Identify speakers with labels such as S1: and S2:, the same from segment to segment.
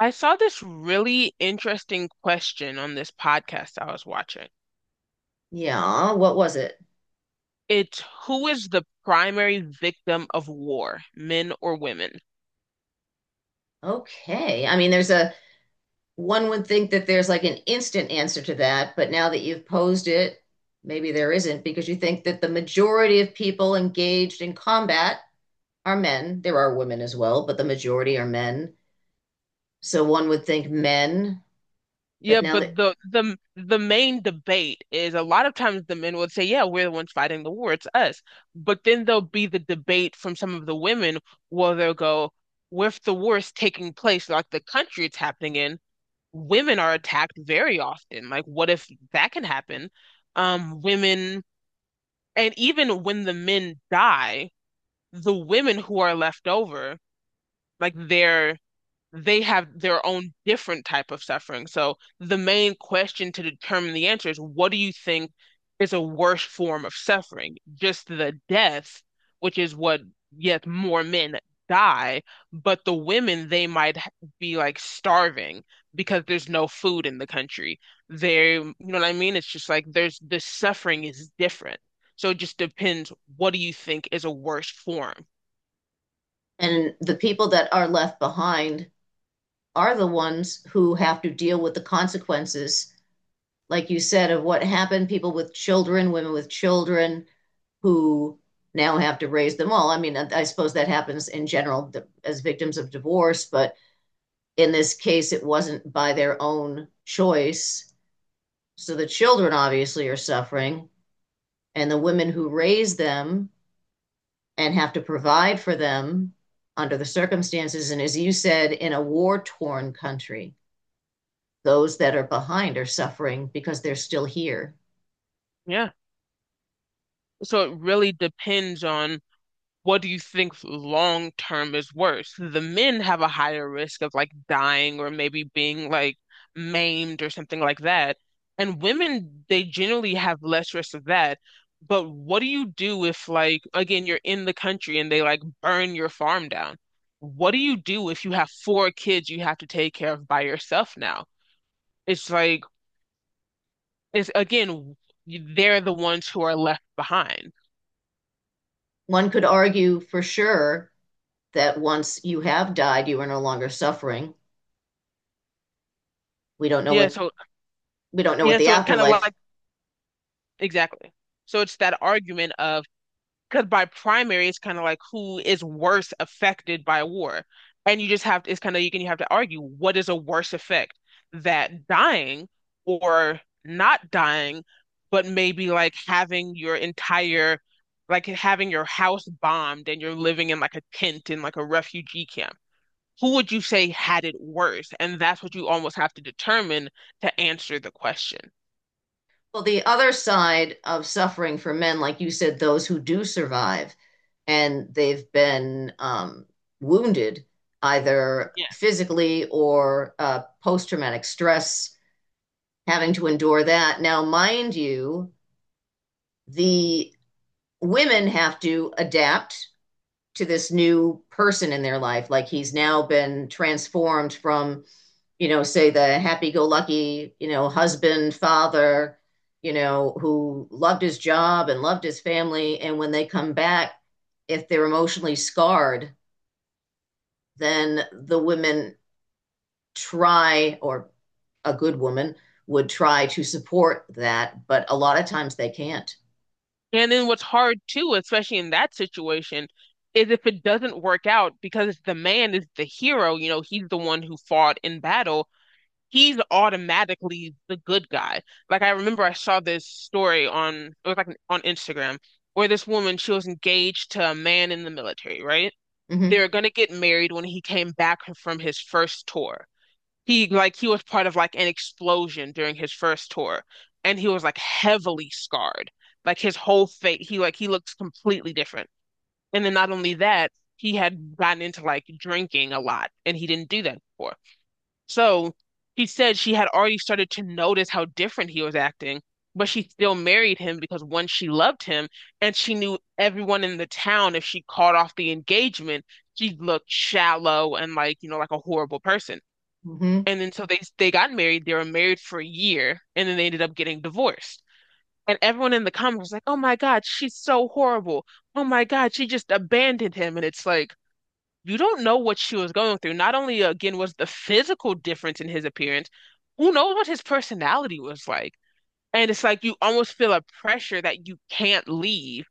S1: I saw this really interesting question on this podcast I was watching.
S2: Yeah, what was it?
S1: It's who is the primary victim of war, men or women?
S2: Okay. I mean, there's a One would think that there's like an instant answer to that, but now that you've posed it, maybe there isn't because you think that the majority of people engaged in combat are men. There are women as well, but the majority are men. So one would think men, but
S1: Yeah,
S2: now
S1: but
S2: that
S1: the main debate is a lot of times the men would say, "Yeah, we're the ones fighting the war, it's us." But then there'll be the debate from some of the women where they'll go, "Well, if the war is taking place, like the country it's happening in, women are attacked very often. Like, what if that can happen?" Women And even when the men die, the women who are left over, like they have their own different type of suffering. So the main question to determine the answer is what do you think is a worse form of suffering? Just the death, which is what, yes, more men die, but the women, they might be like starving because there's no food in the country. You know what I mean? It's just like the suffering is different. So it just depends, what do you think is a worse form?
S2: and the people that are left behind are the ones who have to deal with the consequences, like you said, of what happened, people with children, women with children who now have to raise them all. I mean, I suppose that happens in general as victims of divorce, but in this case, it wasn't by their own choice. So the children obviously are suffering, and the women who raise them and have to provide for them under the circumstances. And as you said, in a war torn country, those that are behind are suffering because they're still here.
S1: Yeah. So it really depends on what do you think long term is worse? The men have a higher risk of like dying or maybe being like maimed or something like that. And women, they generally have less risk of that. But what do you do if like again you're in the country and they like burn your farm down? What do you do if you have four kids you have to take care of by yourself now? It's like it's again they're the ones who are left behind.
S2: One could argue for sure that once you have died, you are no longer suffering. We don't know
S1: Yeah,
S2: what
S1: so
S2: we don't know what
S1: yeah,
S2: the
S1: so it's kind of
S2: afterlife.
S1: like. Exactly. So it's that argument of, because by primary it's kind of like who is worse affected by war, and you just have to, it's kind of you have to argue what is a worse effect, that dying or not dying, but maybe like having your entire like having your house bombed and you're living in like a tent in like a refugee camp. Who would you say had it worse? And that's what you almost have to determine to answer the question.
S2: Well, the other side of suffering for men, like you said, those who do survive and they've been wounded either
S1: Yes.
S2: physically or post-traumatic stress, having to endure that. Now, mind you, the women have to adapt to this new person in their life. Like, he's now been transformed from, you know, say, the happy go lucky, you know, husband, father, you know, who loved his job and loved his family, and when they come back, if they're emotionally scarred, then the women try, or a good woman would try to support that, but a lot of times they can't.
S1: And then what's hard too, especially in that situation, is if it doesn't work out because the man is the hero, he's the one who fought in battle, he's automatically the good guy. Like I remember I saw this story on it was like an- on Instagram, where this woman, she was engaged to a man in the military, right? They
S2: Mhm.
S1: were gonna get married when he came back from his first tour. He was part of like an explosion during his first tour, and he was like heavily scarred. Like his whole face, he looked completely different. And then not only that, he had gotten into like drinking a lot, and he didn't do that before. So he said she had already started to notice how different he was acting, but she still married him because one, she loved him, and she knew everyone in the town, if she caught off the engagement, she looked shallow and like a horrible person.
S2: Mhm.
S1: And then so they got married. They were married for a year, and then they ended up getting divorced. And everyone in the comments was like, "Oh my God, she's so horrible. Oh my God, she just abandoned him." And it's like you don't know what she was going through. Not only again was the physical difference in his appearance, who knows what his personality was like? And it's like you almost feel a pressure that you can't leave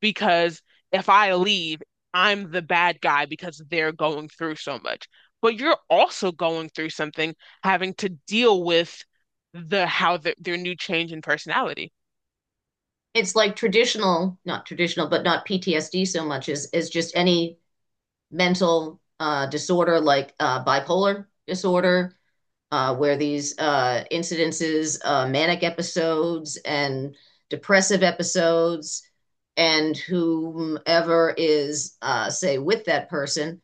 S1: because if I leave, I'm the bad guy because they're going through so much. But you're also going through something, having to deal with their new change in personality.
S2: It's like traditional, not traditional, but not PTSD so much as just any mental disorder, like bipolar disorder, where these incidences, manic episodes, and depressive episodes, and whomever is, say, with that person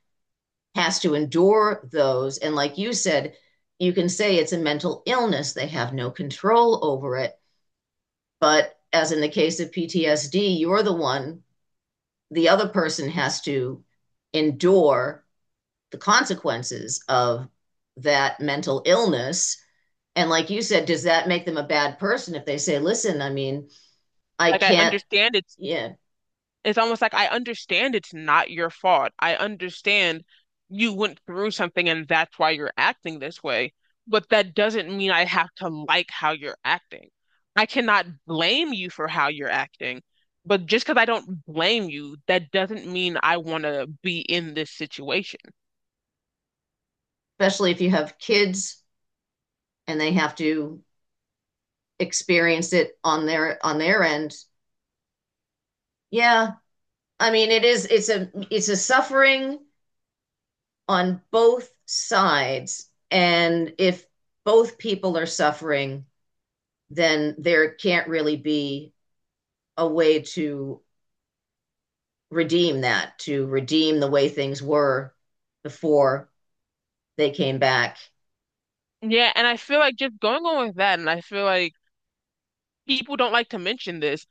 S2: has to endure those. And like you said, you can say it's a mental illness, they have no control over it. But as in the case of PTSD, you're the one, the other person has to endure the consequences of that mental illness. And like you said, does that make them a bad person if they say, listen, I mean, I
S1: Like I
S2: can't,
S1: understand, it's
S2: yeah,
S1: it's almost like I understand it's not your fault. I understand you went through something and that's why you're acting this way, but that doesn't mean I have to like how you're acting. I cannot blame you for how you're acting, but just because I don't blame you, that doesn't mean I want to be in this situation.
S2: especially if you have kids and they have to experience it on their end. Yeah. I mean, it's a suffering on both sides. And if both people are suffering, then there can't really be a way to redeem that, to redeem the way things were before they came back.
S1: Yeah, and I feel like just going on with that, and I feel like people don't like to mention this.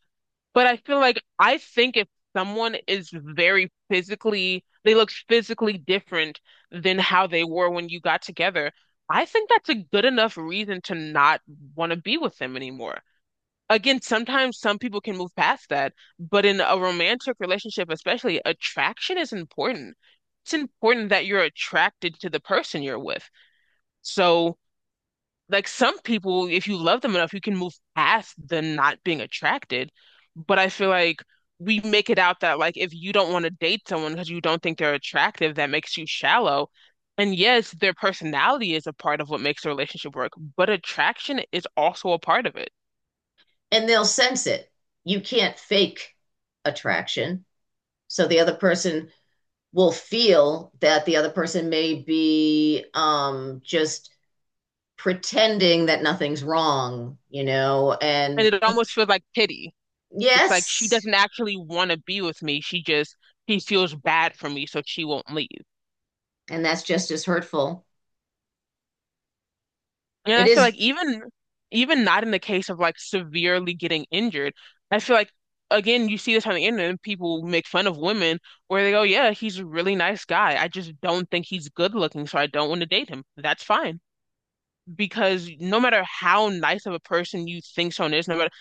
S1: But I feel like I think if someone is very physically, they look physically different than how they were when you got together, I think that's a good enough reason to not want to be with them anymore. Again, sometimes some people can move past that, but in a romantic relationship, especially, attraction is important. It's important that you're attracted to the person you're with. So, like some people, if you love them enough, you can move past the not being attracted. But I feel like we make it out that like if you don't want to date someone because you don't think they're attractive, that makes you shallow. And yes, their personality is a part of what makes a relationship work, but attraction is also a part of it.
S2: And they'll sense it. You can't fake attraction. So the other person will feel that the other person may be just pretending that nothing's wrong, you know,
S1: And
S2: and
S1: it almost feels like pity. It's like she
S2: yes,
S1: doesn't actually want to be with me. She feels bad for me, so she won't leave.
S2: and that's just as hurtful.
S1: And
S2: It
S1: I feel
S2: is,
S1: like even not in the case of like severely getting injured, I feel like again you see this on the internet and people make fun of women where they go, yeah, he's a really nice guy. I just don't think he's good looking, so I don't want to date him. That's fine. Because no matter how nice of a person you think someone is, no matter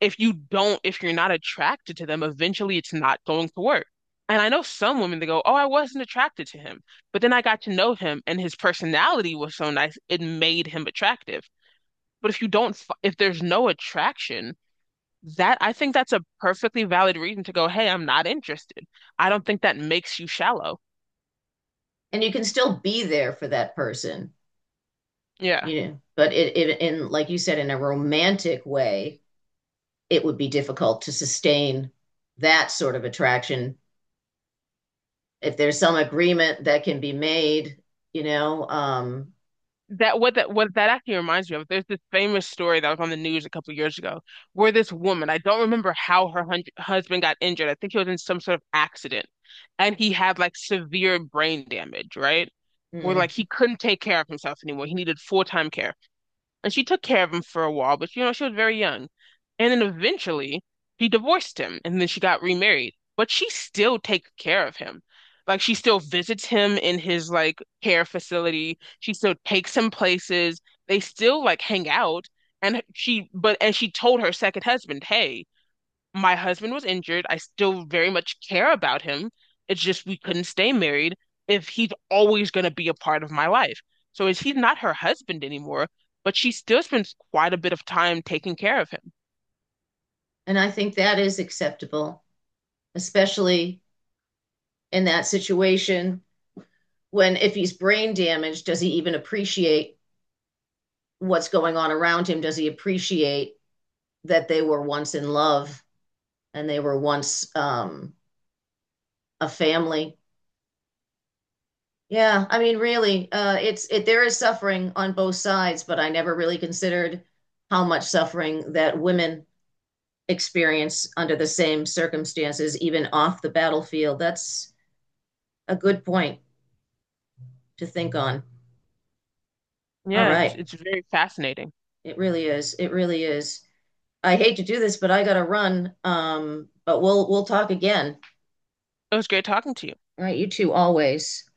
S1: if you're not attracted to them, eventually it's not going to work. And I know some women that go, oh, I wasn't attracted to him. But then I got to know him and his personality was so nice, it made him attractive. But if you don't, f- if there's no attraction, that I think that's a perfectly valid reason to go, hey, I'm not interested. I don't think that makes you shallow.
S2: and you can still be there for that person.
S1: Yeah.
S2: You know, but it in like you said, in a romantic way, it would be difficult to sustain that sort of attraction if there's some agreement that can be made, you know, um,
S1: That actually reminds me of, there's this famous story that was on the news a couple of years ago where this woman, I don't remember how her hun husband got injured. I think he was in some sort of accident and he had like severe brain damage, right? Where
S2: mm.
S1: like he couldn't take care of himself anymore. He needed full-time care. And she took care of him for a while, but she was very young. And then eventually he divorced him and then she got remarried. But she still takes care of him. Like she still visits him in his like care facility. She still takes him places. They still like hang out. And she told her second husband, hey, my husband was injured. I still very much care about him. It's just we couldn't stay married if he's always going to be a part of my life. So is he's not her husband anymore, but she still spends quite a bit of time taking care of him.
S2: And I think that is acceptable, especially in that situation, when if he's brain damaged, does he even appreciate what's going on around him? Does he appreciate that they were once in love and they were once a family? Yeah, I mean, really, it's it. There is suffering on both sides, but I never really considered how much suffering that women experience under the same circumstances, even off the battlefield. That's a good point to think on. All
S1: Yeah, it's
S2: right,
S1: it's very fascinating.
S2: it really is. It really is. I hate to do this, but I gotta run. But we'll talk again.
S1: It was great talking to you.
S2: All right, you two always.